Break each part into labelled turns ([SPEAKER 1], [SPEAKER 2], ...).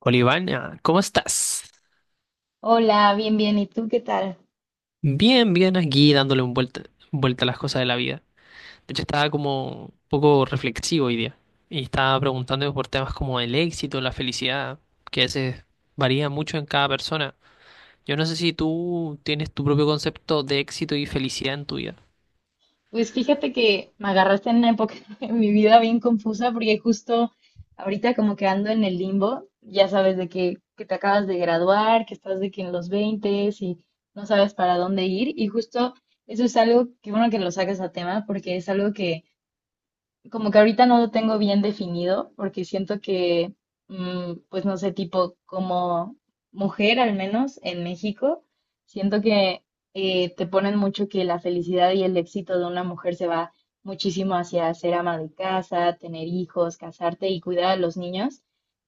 [SPEAKER 1] Olivana, ¿cómo estás?
[SPEAKER 2] Hola, bien, bien. ¿Y tú qué tal?
[SPEAKER 1] Bien, bien, aquí dándole vuelta a las cosas de la vida. De hecho, estaba como un poco reflexivo hoy día y estaba preguntando por temas como el éxito, la felicidad, que a veces varía mucho en cada persona. Yo no sé si tú tienes tu propio concepto de éxito y felicidad en tu vida.
[SPEAKER 2] Pues fíjate que me agarraste en una época en mi vida bien confusa porque justo ahorita como que ando en el limbo, ya sabes de que te acabas de graduar, que estás de que en los 20 y no sabes para dónde ir. Y justo eso es algo que bueno que lo sacas a tema porque es algo que como que ahorita no lo tengo bien definido porque siento que, pues no sé, tipo como mujer al menos en México, siento que te ponen mucho que la felicidad y el éxito de una mujer se va muchísimo hacia ser ama de casa, tener hijos, casarte y cuidar a los niños.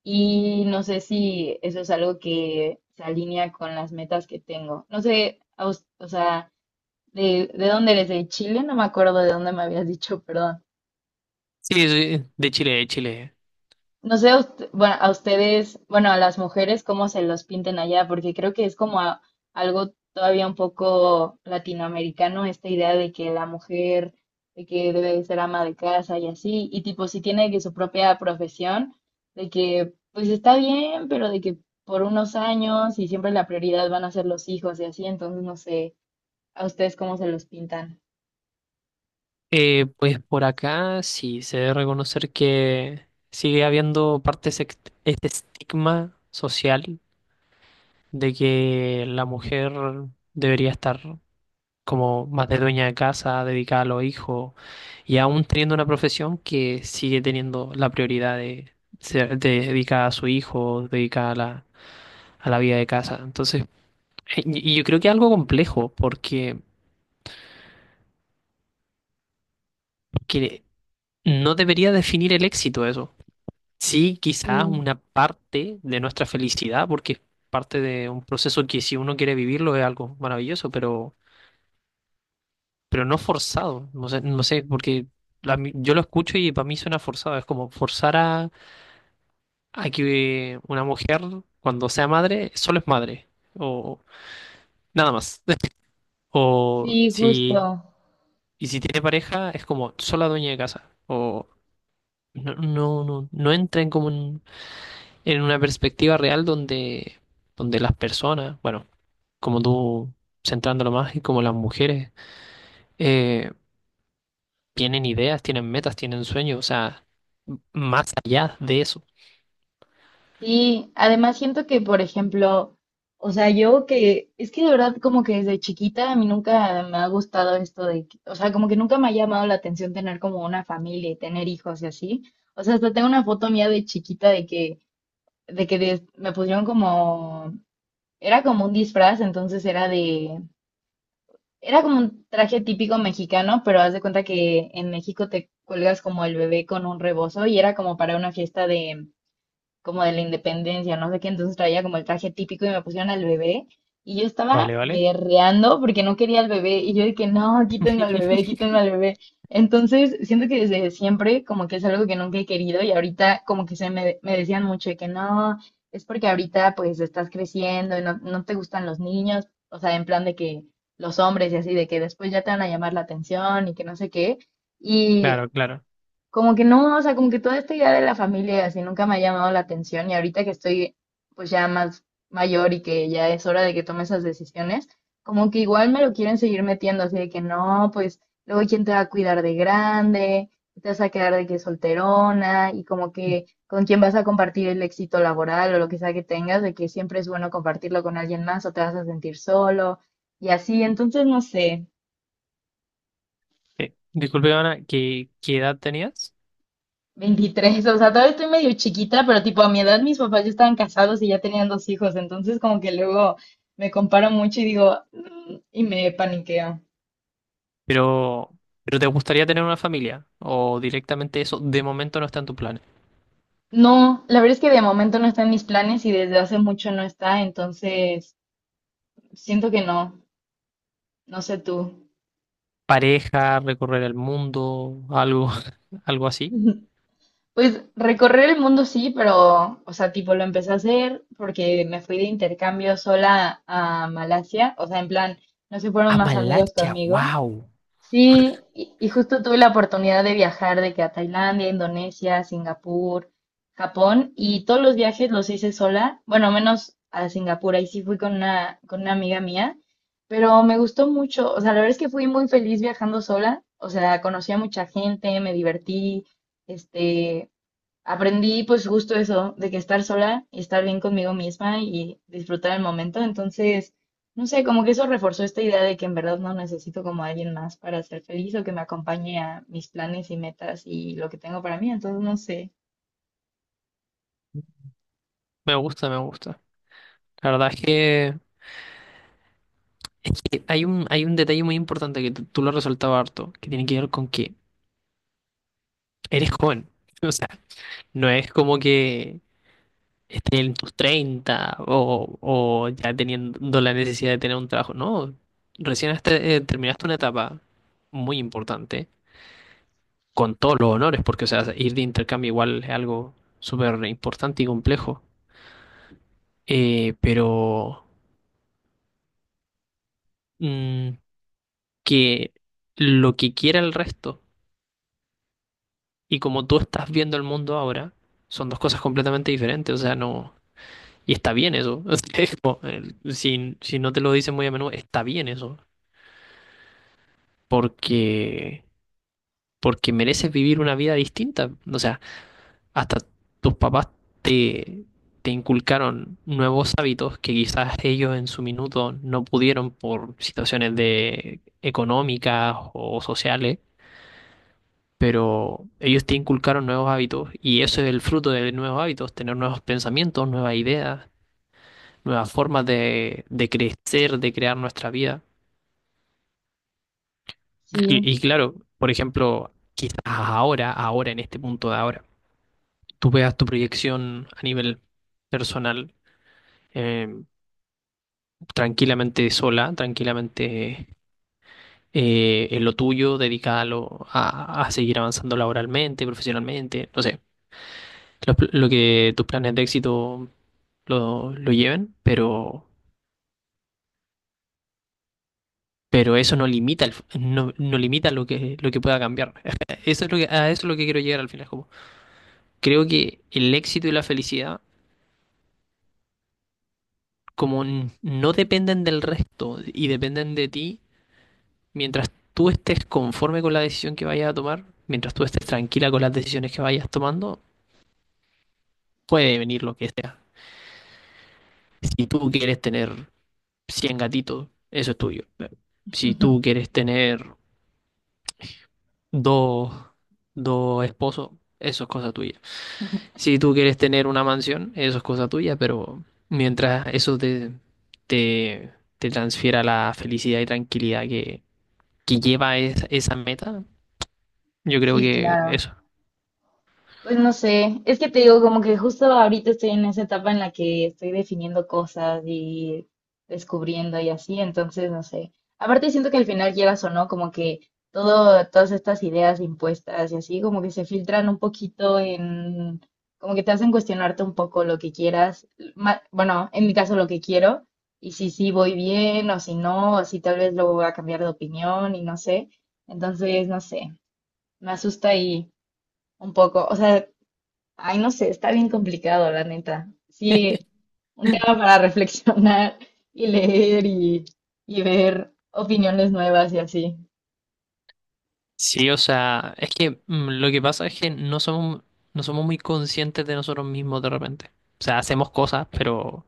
[SPEAKER 2] Y no sé si eso es algo que se alinea con las metas que tengo. No sé, a us- o sea, de dónde eres, de Chile, no me acuerdo de dónde me habías dicho, perdón.
[SPEAKER 1] Sí, soy de Chile, de Chile.
[SPEAKER 2] No sé, a ust- bueno, a ustedes, bueno, a las mujeres, cómo se los pinten allá, porque creo que es como a- algo todavía un poco latinoamericano, esta idea de que la mujer, de que debe de ser ama de casa y así, y tipo, si tiene que su propia profesión, de que pues está bien, pero de que por unos años y siempre la prioridad van a ser los hijos y así, entonces no sé, a ustedes cómo se los pintan.
[SPEAKER 1] Pues por acá sí, se debe reconocer que sigue habiendo parte de este estigma social de que la mujer debería estar como más de dueña de casa, dedicada a los hijos, y aún teniendo una profesión que sigue teniendo la prioridad de ser de dedicada a su hijo, dedicada a la vida de casa. Entonces, y yo creo que es algo complejo, porque no debería definir el éxito eso. Sí, quizás
[SPEAKER 2] Mm.
[SPEAKER 1] una parte de nuestra felicidad, porque es parte de un proceso que si uno quiere vivirlo es algo maravilloso, pero no forzado. No sé, no sé, porque yo lo escucho y para mí suena forzado. Es como forzar a que una mujer, cuando sea madre, solo es madre. O nada más. O
[SPEAKER 2] Sí,
[SPEAKER 1] si,
[SPEAKER 2] justo.
[SPEAKER 1] y si tiene pareja, es como sola dueña de casa. O no, no, no, no entra en como en una perspectiva real donde las personas, bueno, como tú centrándolo más y como las mujeres. eh, Tienen ideas, tienen metas, tienen sueños, o sea, más allá de eso.
[SPEAKER 2] Sí, además siento que, por ejemplo, o sea, yo que, es que de verdad como que desde chiquita a mí nunca me ha gustado esto de, que- o sea, como que nunca me ha llamado la atención tener como una familia y tener hijos y así. O sea, hasta tengo una foto mía de chiquita de que des- me pusieron como, era como un disfraz, entonces era de, era como un traje típico mexicano, pero haz de cuenta que en México te cuelgas como el bebé con un rebozo y era como para una fiesta como de la independencia, no sé qué, entonces traía como el traje típico y me pusieron al bebé y yo estaba
[SPEAKER 1] Vale, vale.
[SPEAKER 2] berreando porque no quería al bebé y yo dije, no, quítenme al bebé, quítenme al bebé. Entonces, siento que desde siempre como que es algo que nunca he querido y ahorita como que se me, me decían mucho de que no, es porque ahorita pues estás creciendo y no, no te gustan los niños, o sea, en plan de que los hombres y así, de que después ya te van a llamar la atención y que no sé qué. Y
[SPEAKER 1] Claro, claro.
[SPEAKER 2] como que no, o sea, como que toda esta idea de la familia y así nunca me ha llamado la atención y ahorita que estoy pues ya más mayor y que ya es hora de que tome esas decisiones, como que igual me lo quieren seguir metiendo, así de que no, pues luego quién te va a cuidar de grande, te vas a quedar de que solterona y como que con quién vas a compartir el éxito laboral o lo que sea que tengas, de que siempre es bueno compartirlo con alguien más o te vas a sentir solo y así, entonces no sé,
[SPEAKER 1] Disculpe, Ana, ¿qué edad tenías?
[SPEAKER 2] 23, o sea, todavía estoy medio chiquita, pero tipo a mi edad mis papás ya estaban casados y ya tenían dos hijos, entonces como que luego me comparo mucho y digo, "Mm", y me paniqueo.
[SPEAKER 1] Pero, pero ¿te gustaría tener una familia? ¿O directamente eso de momento no está en tu plan?
[SPEAKER 2] No, la verdad es que de momento no está en mis planes y desde hace mucho no está, entonces siento que no, no sé tú.
[SPEAKER 1] ¿Pareja, recorrer el mundo, algo, algo así?
[SPEAKER 2] Pues recorrer el mundo sí, pero, o sea, tipo lo empecé a hacer porque me fui de intercambio sola a Malasia, o sea, en plan, no se
[SPEAKER 1] A
[SPEAKER 2] fueron más amigos
[SPEAKER 1] Malasia,
[SPEAKER 2] conmigo.
[SPEAKER 1] wow.
[SPEAKER 2] Sí, y justo tuve la oportunidad de viajar de que a Tailandia, Indonesia, Singapur, Japón, y todos los viajes los hice sola, bueno, menos a Singapur, ahí sí fui con una amiga mía, pero me gustó mucho, o sea, la verdad es que fui muy feliz viajando sola, o sea, conocí a mucha gente, me divertí, este, aprendí pues justo eso, de que estar sola y estar bien conmigo misma y disfrutar el momento. Entonces, no sé, como que eso reforzó esta idea de que en verdad no necesito como a alguien más para ser feliz o que me acompañe a mis planes y metas y lo que tengo para mí. Entonces, no sé.
[SPEAKER 1] Me gusta, me gusta. La verdad es que hay un detalle muy importante que tú lo has resaltado harto, que tiene que ver con que eres joven. O sea, no es como que estés en tus 30 o ya teniendo la necesidad de tener un trabajo. No, recién hasta, terminaste una etapa muy importante con todos los honores, porque o sea, ir de intercambio igual es algo súper importante y complejo. Pero mm, que lo que quiera el resto y como tú estás viendo el mundo ahora son dos cosas completamente diferentes. O sea, no. Y está bien eso. O sea, es como, si no te lo dicen muy a menudo, está bien eso. Porque, porque mereces vivir una vida distinta. O sea, hasta tus papás te, te inculcaron nuevos hábitos que quizás ellos en su minuto no pudieron por situaciones de económicas o sociales. Pero ellos te inculcaron nuevos hábitos y eso es el fruto de nuevos hábitos, tener nuevos pensamientos, nuevas ideas, nuevas formas de crecer, de crear nuestra vida.
[SPEAKER 2] Sí,
[SPEAKER 1] Y claro, por ejemplo, quizás ahora, ahora, en este punto de ahora, tú veas tu proyección a nivel personal eh, tranquilamente sola, tranquilamente en lo tuyo, dedicada a seguir avanzando laboralmente, profesionalmente, no sé, lo que tus planes de éxito lo lleven, pero eso no limita, el, no, no limita lo que pueda cambiar. Eso es lo que, a eso es lo que quiero llegar al final, como creo que el éxito y la felicidad como no dependen del resto y dependen de ti, mientras tú estés conforme con la decisión que vayas a tomar, mientras tú estés tranquila con las decisiones que vayas tomando, puede venir lo que sea. Si tú quieres tener 100 gatitos, eso es tuyo. Si tú quieres tener dos, dos esposos, eso es cosa tuya. Si tú quieres tener una mansión, eso es cosa tuya, pero mientras eso te, te transfiera la felicidad y tranquilidad que lleva esa meta, yo creo
[SPEAKER 2] sí,
[SPEAKER 1] que
[SPEAKER 2] claro.
[SPEAKER 1] eso.
[SPEAKER 2] Pues no sé, es que te digo como que justo ahorita estoy en esa etapa en la que estoy definiendo cosas y descubriendo y así, entonces no sé. Aparte siento que al final quieras o no, como que todo, todas estas ideas impuestas y así, como que se filtran un poquito en, como que te hacen cuestionarte un poco lo que quieras, ma- bueno, en mi caso lo que quiero, y si sí voy bien o si no, o si tal vez luego voy a cambiar de opinión y no sé. Entonces, no sé, me asusta ahí un poco, o sea... Ay, no sé, está bien complicado, la neta. Sí, un tema para reflexionar y leer y ver opiniones nuevas y así.
[SPEAKER 1] Sí, o sea, es que lo que pasa es que no somos muy conscientes de nosotros mismos de repente. O sea, hacemos cosas, pero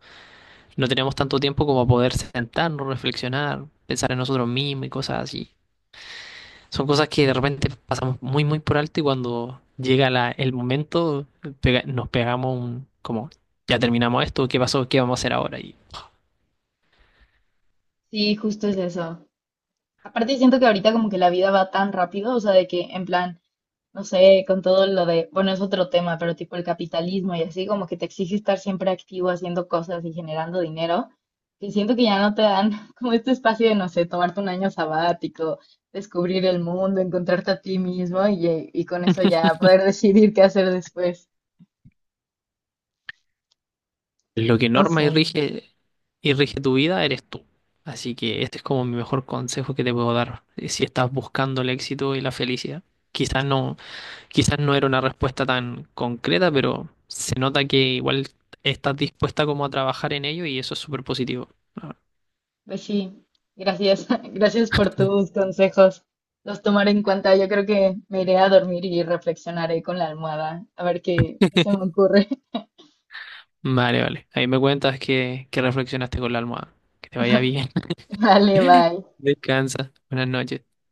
[SPEAKER 1] no tenemos tanto tiempo como poder sentarnos, reflexionar, pensar en nosotros mismos y cosas así. Son cosas que de repente pasamos muy, muy por alto y cuando llega el momento, nos pegamos un, como, ya terminamos esto, ¿qué pasó? ¿Qué vamos a hacer ahora?
[SPEAKER 2] Sí, justo es eso. Aparte siento que ahorita como que la vida va tan rápido, o sea, de que en plan... No sé, con todo lo de, bueno, es otro tema, pero tipo el capitalismo y así, como que te exige estar siempre activo haciendo cosas y generando dinero, que siento que ya no te dan como este espacio de, no sé, tomarte un año sabático, descubrir el mundo, encontrarte a ti mismo y con eso ya poder decidir qué hacer después.
[SPEAKER 1] Lo que
[SPEAKER 2] No sé.
[SPEAKER 1] norma y rige tu vida eres tú. Así que este es como mi mejor consejo que te puedo dar. Si estás buscando el éxito y la felicidad, quizás no, quizás no era una respuesta tan concreta, pero se nota que igual estás dispuesta como a trabajar en ello y eso es súper positivo.
[SPEAKER 2] Pues sí, gracias, gracias por tus consejos. Los tomaré en cuenta. Yo creo que me iré a dormir y reflexionaré con la almohada, a ver qué qué se me
[SPEAKER 1] Ah,
[SPEAKER 2] ocurre.
[SPEAKER 1] vale, vale. Ahí me cuentas que reflexionaste con la almohada. Que te vaya bien.
[SPEAKER 2] Vale, bye.
[SPEAKER 1] Descansa. Buenas noches.